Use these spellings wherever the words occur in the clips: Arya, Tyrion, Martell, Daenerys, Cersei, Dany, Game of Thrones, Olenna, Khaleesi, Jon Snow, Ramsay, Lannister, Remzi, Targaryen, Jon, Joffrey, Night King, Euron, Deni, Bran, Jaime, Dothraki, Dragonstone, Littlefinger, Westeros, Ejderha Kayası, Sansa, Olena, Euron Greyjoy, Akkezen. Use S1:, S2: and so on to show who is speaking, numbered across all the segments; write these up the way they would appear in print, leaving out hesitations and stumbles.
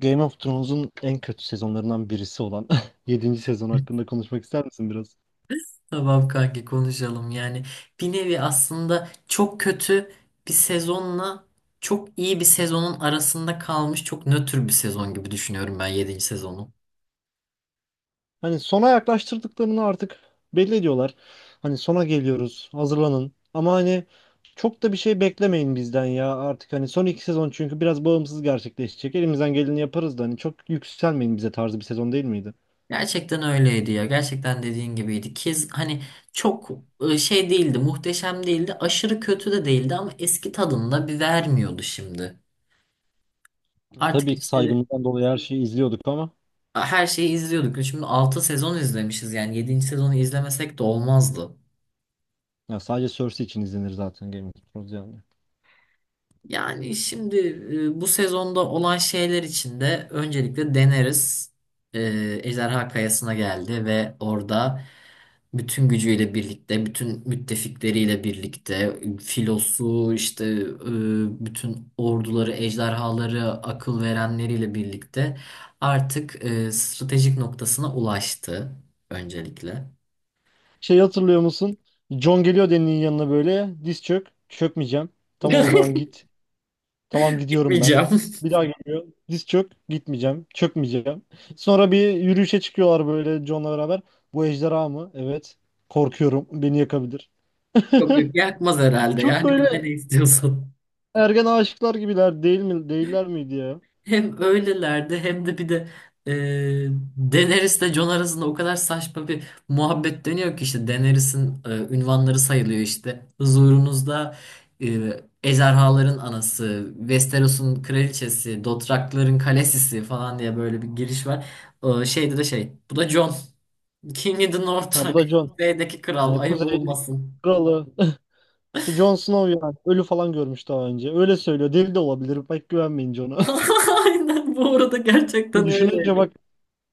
S1: Game of Thrones'un en kötü sezonlarından birisi olan yedinci sezon hakkında konuşmak ister misin biraz?
S2: Tamam kanki konuşalım. Yani bir nevi aslında çok kötü bir sezonla çok iyi bir sezonun arasında kalmış çok nötr bir sezon gibi düşünüyorum ben yedinci sezonu.
S1: Hani sona yaklaştırdıklarını artık belli ediyorlar. Hani sona geliyoruz, hazırlanın. Ama hani çok da bir şey beklemeyin bizden ya, artık hani son iki sezon çünkü biraz bağımsız gerçekleşecek. Elimizden geleni yaparız da hani çok yükselmeyin bize tarzı bir sezon değil miydi?
S2: Gerçekten öyleydi ya. Gerçekten dediğin gibiydi. Kez hani çok şey değildi, muhteşem değildi, aşırı kötü de değildi ama eski tadında bir vermiyordu şimdi. Artık
S1: Tabii ki
S2: işte
S1: saygımızdan dolayı her şeyi izliyorduk ama
S2: her şeyi izliyorduk. Şimdi 6 sezon izlemişiz yani yedinci sezonu izlemesek de olmazdı.
S1: ya sadece Cersei için izlenir zaten Game of Thrones yani.
S2: Yani şimdi bu sezonda olan şeyler için de öncelikle deneriz. E, Ejderha Kayası'na geldi ve orada bütün gücüyle birlikte, bütün müttefikleriyle birlikte, filosu, işte bütün orduları, ejderhaları, akıl verenleriyle birlikte artık stratejik noktasına ulaştı öncelikle.
S1: Şey, hatırlıyor musun? John geliyor Deni'nin yanına böyle. Diz çök. Çökmeyeceğim. Tamam, o zaman git. Tamam, gidiyorum ben.
S2: Yakmayacağım.
S1: Bir daha geliyor. Diz çök. Gitmeyeceğim. Çökmeyeceğim. Sonra bir yürüyüşe çıkıyorlar böyle John'la beraber. Bu ejderha mı? Evet. Korkuyorum. Beni yakabilir.
S2: Yok yok, yakmaz herhalde,
S1: Çok
S2: yani bir
S1: böyle
S2: dene istiyorsan.
S1: ergen aşıklar gibiler değil mi? Değiller miydi ya?
S2: Hem öylelerdi hem de bir de e, Daenerys ile Jon arasında o kadar saçma bir muhabbet dönüyor ki, işte Daenerys'in ünvanları sayılıyor işte. Huzurunuzda ejderhaların anası, Westeros'un kraliçesi, Dothrakların kalesisi falan diye böyle bir giriş var. Şeyde de şey, bu da Jon. King of the North,
S1: Ha, bu
S2: hani.
S1: da John.
S2: Kuzeydeki kral,
S1: Hani
S2: ayıp
S1: Kuzey
S2: olmasın.
S1: kralı. İşte Jon Snow yani. Ölü falan görmüş daha önce. Öyle söylüyor. Deli de olabilir. Pek güvenmeyin Jon'a.
S2: Aynen, bu arada gerçekten
S1: Düşününce
S2: öyleydi.
S1: bak,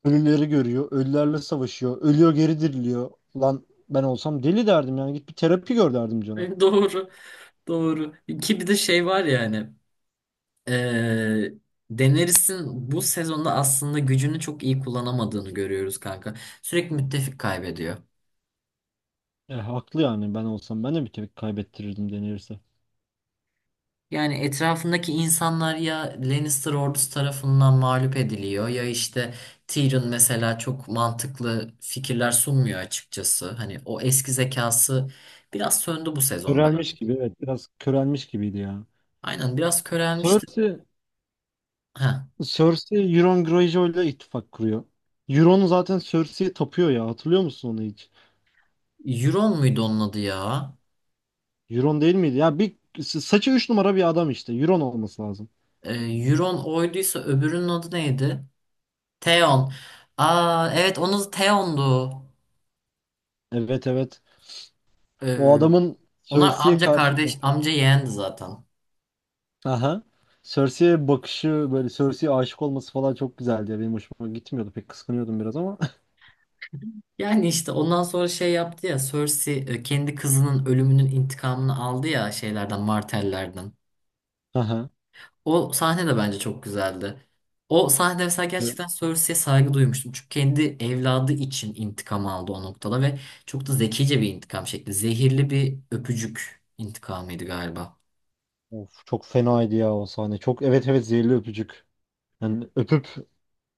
S1: ölüleri görüyor. Ölülerle savaşıyor. Ölüyor, geri diriliyor. Lan ben olsam deli derdim yani. Git bir terapi gör derdim cana.
S2: Doğru. Doğru. Ki bir de şey var yani. Ee, Daenerys'in bu sezonda aslında gücünü çok iyi kullanamadığını görüyoruz kanka. Sürekli müttefik kaybediyor.
S1: E, haklı yani, ben olsam ben de bir tepki kaybettirirdim denirse.
S2: Yani etrafındaki insanlar ya Lannister ordusu tarafından mağlup ediliyor ya işte Tyrion mesela çok mantıklı fikirler sunmuyor açıkçası. Hani o eski zekası biraz söndü bu sezon bence.
S1: Körelmiş gibi, evet, biraz körelmiş gibiydi ya.
S2: Aynen, biraz körelmişti.
S1: Cersei,
S2: Ha,
S1: Cersei Euron Greyjoy ile ittifak kuruyor. Euron zaten Cersei'ye tapıyor ya, hatırlıyor musun onu hiç?
S2: Euron muydu onun adı ya?
S1: Euron değil miydi? Ya bir saçı 3 numara bir adam işte. Euron olması lazım.
S2: Euron oyduysa öbürünün adı neydi? Theon. Aa evet, onun Theon'du.
S1: Evet, evet.
S2: Ee,
S1: O adamın
S2: onlar
S1: Cersei'ye
S2: amca
S1: karşı
S2: kardeş, amca yeğendi zaten.
S1: aha, Cersei'ye bakışı böyle, Cersei'ye aşık olması falan çok güzeldi ya. Benim hoşuma gitmiyordu. Pek kıskanıyordum biraz ama.
S2: Yani işte ondan sonra şey yaptı ya Cersei, kendi kızının ölümünün intikamını aldı ya şeylerden, Martell'lerden.
S1: Aha.
S2: O sahne de bence çok güzeldi. O sahnede mesela
S1: Evet.
S2: gerçekten Cersei'ye saygı duymuştum. Çünkü kendi evladı için intikam aldı o noktada ve çok da zekice bir intikam şekli. Zehirli bir öpücük intikamıydı galiba.
S1: Of, çok fenaydı ya o sahne. Çok, evet evet, zehirli öpücük. Yani öpüp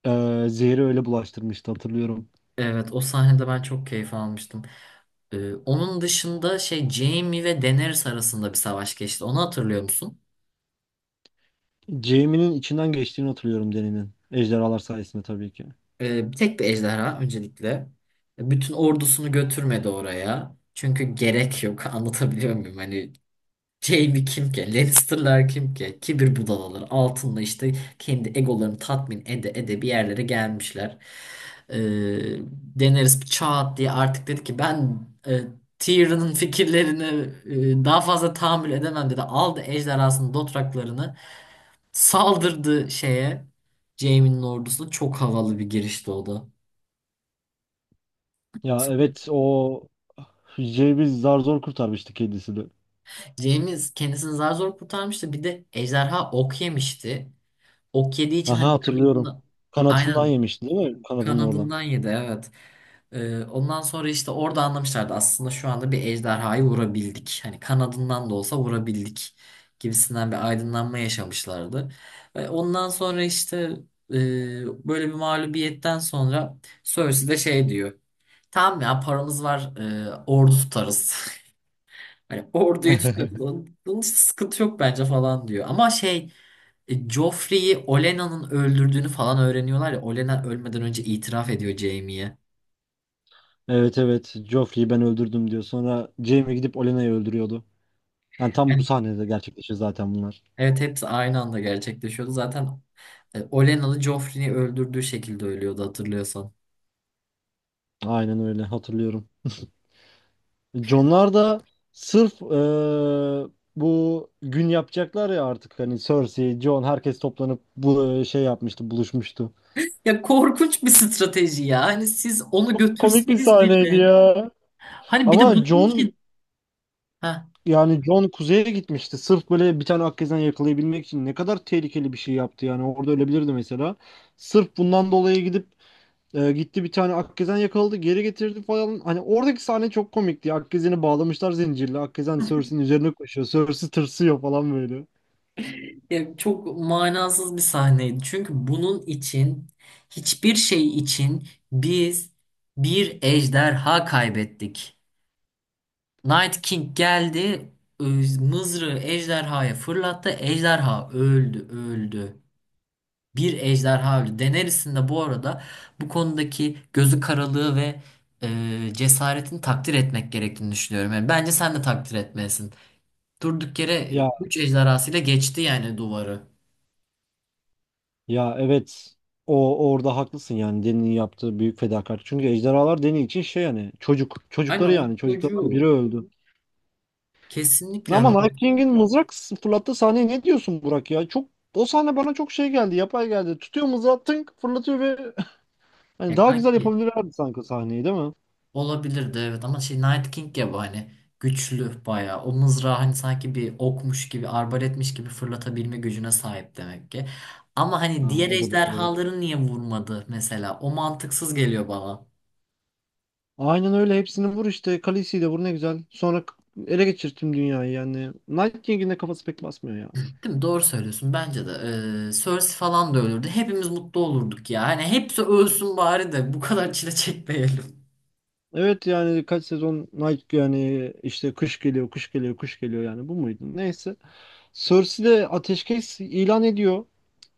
S1: zehri öyle bulaştırmıştı, hatırlıyorum.
S2: Evet, o sahnede ben çok keyif almıştım. Onun dışında şey, Jaime ve Daenerys arasında bir savaş geçti. Onu hatırlıyor musun?
S1: Jaime'nin içinden geçtiğini hatırlıyorum, Dany'nin. Ejderhalar sayesinde tabii ki.
S2: Bir tek bir ejderha öncelikle. Bütün ordusunu götürmedi oraya. Çünkü gerek yok. Anlatabiliyor muyum? Hani Jaime kim ki? Lannister'lar kim ki? Kibir budalaları altında işte kendi egolarını tatmin ede ede bir yerlere gelmişler. Ee, Daenerys bir çat diye artık dedi ki, ben Tyrion'un fikirlerini daha fazla tahammül edemem dedi. Aldı ejderhasının dotraklarını, saldırdı şeye. Jaime'nin ordusuna çok havalı bir girişti o da.
S1: Ya evet, o Jaime'i zar zor kurtarmıştı kedisi de.
S2: Jaime kendisini zar zor kurtarmıştı. Bir de ejderha ok yemişti. Ok yediği için
S1: Aha,
S2: hani
S1: hatırlıyorum.
S2: kanadından,
S1: Kanatından
S2: aynen,
S1: yemişti değil mi? Kanadının oradan.
S2: kanadından yedi evet. Ondan sonra işte orada anlamışlardı aslında şu anda bir ejderhayı vurabildik. Hani kanadından da olsa vurabildik gibisinden bir aydınlanma yaşamışlardı. Ve ondan sonra işte e, böyle bir mağlubiyetten sonra Cersei de şey diyor. Tamam ya, paramız var. Ordu tutarız. Hani orduyu tutarız. Onun hiç sıkıntı yok bence falan diyor. Ama şey, Joffrey'i Olenna'nın öldürdüğünü falan öğreniyorlar ya. Olenna ölmeden önce itiraf ediyor Jaime'ye.
S1: Evet, evet. Joffrey'i ben öldürdüm diyor. Sonra Jaime gidip Olena'yı öldürüyordu. Yani tam bu
S2: Yani
S1: sahnede gerçekleşiyor zaten bunlar.
S2: evet, hepsi aynı anda gerçekleşiyordu. Zaten Olenna'lı Joffrey'i öldürdüğü şekilde ölüyordu, hatırlıyorsan.
S1: Aynen öyle hatırlıyorum. Jonlar da sırf bu gün yapacaklar ya artık, hani Cersei, Jon, herkes toplanıp bu şey yapmıştı, buluşmuştu.
S2: Ya korkunç bir strateji ya. Hani siz onu
S1: Çok komik bir
S2: götürseniz
S1: sahneydi
S2: bile.
S1: ya.
S2: Hani bir de
S1: Ama
S2: bunun
S1: Jon,
S2: için. Heh.
S1: yani Jon kuzeye gitmişti. Sırf böyle bir tane Akkezen yakalayabilmek için ne kadar tehlikeli bir şey yaptı yani. Orada ölebilirdi mesela. Sırf bundan dolayı gidip gitti, bir tane Akkezen yakaladı, geri getirdi falan. Hani oradaki sahne çok komikti. Akkezen'i bağlamışlar zincirle. Akkezen Cersei'nin üzerine koşuyor. Cersei tırsıyor falan böyle.
S2: Ya çok manasız bir sahneydi. Çünkü bunun için, hiçbir şey için biz bir ejderha kaybettik. Night King geldi, mızrağı ejderhaya fırlattı. Ejderha öldü, öldü. Bir ejderha öldü. Daenerys'in de bu arada bu konudaki gözü karalığı ve cesaretini takdir etmek gerektiğini düşünüyorum. Yani bence sen de takdir etmelisin. Durduk yere
S1: Ya,
S2: 3 ejderhasıyla geçti yani duvarı.
S1: ya evet. O orada haklısın, yani Dany'nin yaptığı büyük fedakarlık. Çünkü ejderhalar Dany için şey yani,
S2: Aynen,
S1: çocukları
S2: onun
S1: yani, çocuklardan biri
S2: çocuğu.
S1: öldü.
S2: Kesinlikle hani
S1: Ama Night King'in mızrak fırlattığı sahneye ne diyorsun Burak ya? Çok, o sahne bana çok şey geldi, yapay geldi. Tutuyor mızrağı, tınk fırlatıyor ve hani
S2: ya
S1: daha güzel
S2: kanki,
S1: yapabilirlerdi sanki sahneyi değil mi?
S2: olabilirdi evet, ama şey Night King ya, bu hani güçlü bayağı, o mızrağı hani sanki bir okmuş gibi, arbaletmiş gibi fırlatabilme gücüne sahip demek ki. Ama hani
S1: Ha,
S2: diğer
S1: o da doğru.
S2: ejderhaları niye vurmadı mesela, o mantıksız geliyor bana.
S1: Aynen öyle, hepsini vur işte. Khaleesi'yi de vur, ne güzel. Sonra ele geçirttim dünyayı yani. Night King'in de kafası pek basmıyor ya.
S2: Değil mi? Doğru söylüyorsun bence de. Cersei falan da ölürdü. Hepimiz mutlu olurduk ya. Hani hepsi ölsün bari de bu kadar çile çekmeyelim
S1: Evet, yani kaç sezon Night, yani işte kış geliyor, kış geliyor, kış geliyor, yani bu muydu? Neyse. Cersei de ateşkes ilan ediyor.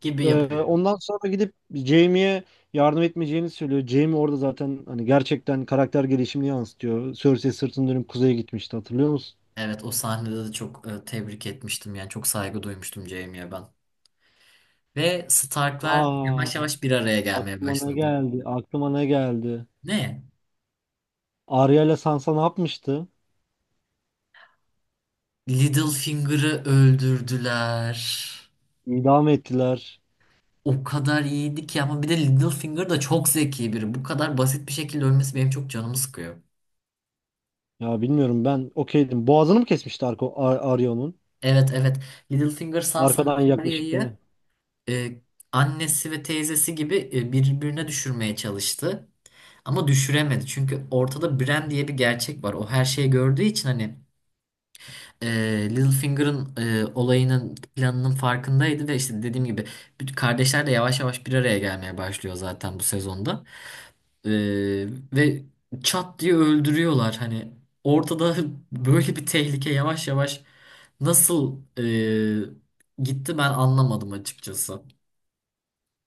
S2: gibi yapıyor.
S1: Ondan sonra gidip Jaime'ye yardım etmeyeceğini söylüyor. Jaime orada zaten hani gerçekten karakter gelişimini yansıtıyor. Cersei sırtını dönüp kuzeye gitmişti, hatırlıyor musun?
S2: Evet, o sahnede de çok tebrik etmiştim yani, çok saygı duymuştum Jaime'ye ben. Ve Starklar
S1: Aa,
S2: yavaş yavaş bir araya gelmeye
S1: aklıma ne
S2: başladı.
S1: geldi? Aklıma ne geldi?
S2: Ne?
S1: Arya ile Sansa ne yapmıştı?
S2: Littlefinger'ı öldürdüler.
S1: İdam ettiler.
S2: O kadar iyiydi ki, ama bir de Littlefinger da çok zeki biri. Bu kadar basit bir şekilde ölmesi benim çok canımı sıkıyor.
S1: Ya, bilmiyorum, ben okeydim. Boğazını mı kesmişti, Arko, Ar Arya'nın?
S2: Evet, evet. Littlefinger Sansa ve
S1: Arkadan yaklaşıp değil mi?
S2: Arya'yı, e, annesi ve teyzesi gibi, birbirine düşürmeye çalıştı. Ama düşüremedi. Çünkü ortada Bran diye bir gerçek var. O her şeyi gördüğü için hani e, Littlefinger'ın olayının, planının farkındaydı ve işte dediğim gibi bütün kardeşler de yavaş yavaş bir araya gelmeye başlıyor zaten bu sezonda. E, ve çat diye öldürüyorlar hani, ortada böyle bir tehlike yavaş yavaş nasıl gitti, ben anlamadım açıkçası.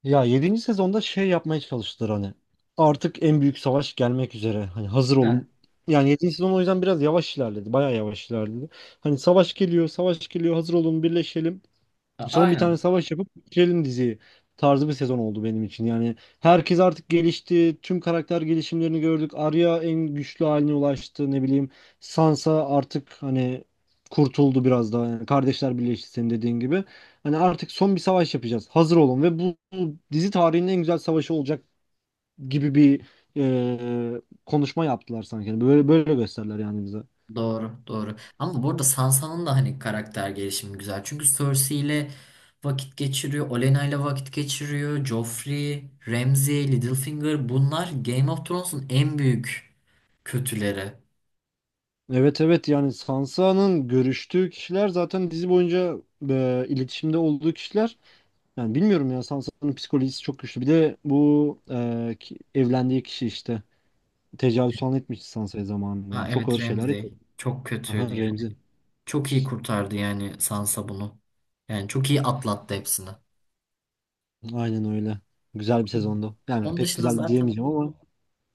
S1: Ya, yedinci sezonda şey yapmaya çalıştılar hani. Artık en büyük savaş gelmek üzere. Hani hazır
S2: Heh,
S1: olun. Yani yedinci sezon o yüzden biraz yavaş ilerledi. Bayağı yavaş ilerledi. Hani savaş geliyor, savaş geliyor, hazır olun, birleşelim. Son bir tane
S2: aynen.
S1: savaş yapıp bitirelim diziyi tarzı bir sezon oldu benim için. Yani herkes artık gelişti. Tüm karakter gelişimlerini gördük. Arya en güçlü haline ulaştı. Ne bileyim, Sansa artık hani kurtuldu biraz daha. Yani kardeşler birleşti senin dediğin gibi. Hani artık son bir savaş yapacağız. Hazır olun ve bu bu dizi tarihinin en güzel savaşı olacak gibi bir konuşma yaptılar sanki. Yani böyle böyle gösterdiler yani bize.
S2: Doğru, doğru. Ama burada Sansa'nın da hani karakter gelişimi güzel. Çünkü Cersei ile vakit geçiriyor, Olenna ile vakit geçiriyor; Joffrey, Ramsay, Littlefinger, bunlar Game of Thrones'un en büyük kötüleri.
S1: Evet evet, yani Sansa'nın görüştüğü kişiler zaten dizi boyunca iletişimde olduğu kişiler. Yani bilmiyorum ya, Sansa'nın psikolojisi çok güçlü. Bir de bu evlendiği kişi işte tecavüz falan etmiş Sansa'ya zamanında.
S2: Ha
S1: Yani çok ağır
S2: evet,
S1: şeyler
S2: Ramsay
S1: yaşadı.
S2: çok
S1: Aha,
S2: kötüydü yani.
S1: Remzi.
S2: Çok iyi kurtardı yani Sansa bunu. Yani çok iyi atlattı hepsini.
S1: Aynen öyle. Güzel bir sezondu. Yani
S2: Onun
S1: pek
S2: dışında
S1: güzel
S2: zaten,
S1: diyemeyeceğim ama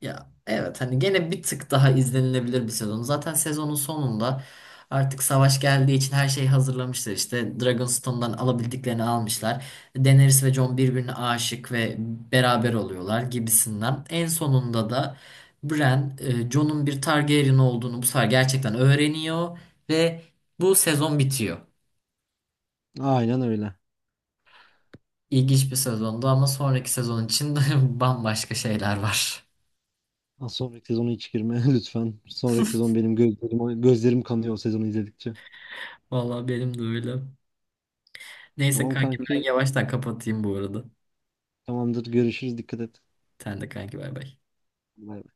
S2: ya evet, hani gene bir tık daha izlenilebilir bir sezon. Zaten sezonun sonunda artık savaş geldiği için her şeyi hazırlamışlar. İşte Dragonstone'dan alabildiklerini almışlar. Daenerys ve Jon birbirine aşık ve beraber oluyorlar gibisinden. En sonunda da Bran, Jon'un bir Targaryen olduğunu bu sefer gerçekten öğreniyor ve bu sezon bitiyor.
S1: aynen öyle.
S2: İlginç bir sezondu, ama sonraki sezon için de bambaşka şeyler var.
S1: Ha, sonraki sezonu hiç girme lütfen. Sonraki sezon benim gözlerim kanıyor o sezonu izledikçe.
S2: Vallahi benim de öyle. Neyse
S1: Tamam
S2: kanki, ben
S1: kanki.
S2: yavaştan kapatayım bu arada.
S1: Tamamdır. Görüşürüz. Dikkat et.
S2: Sen de kanki, bay bay.
S1: Bay bay.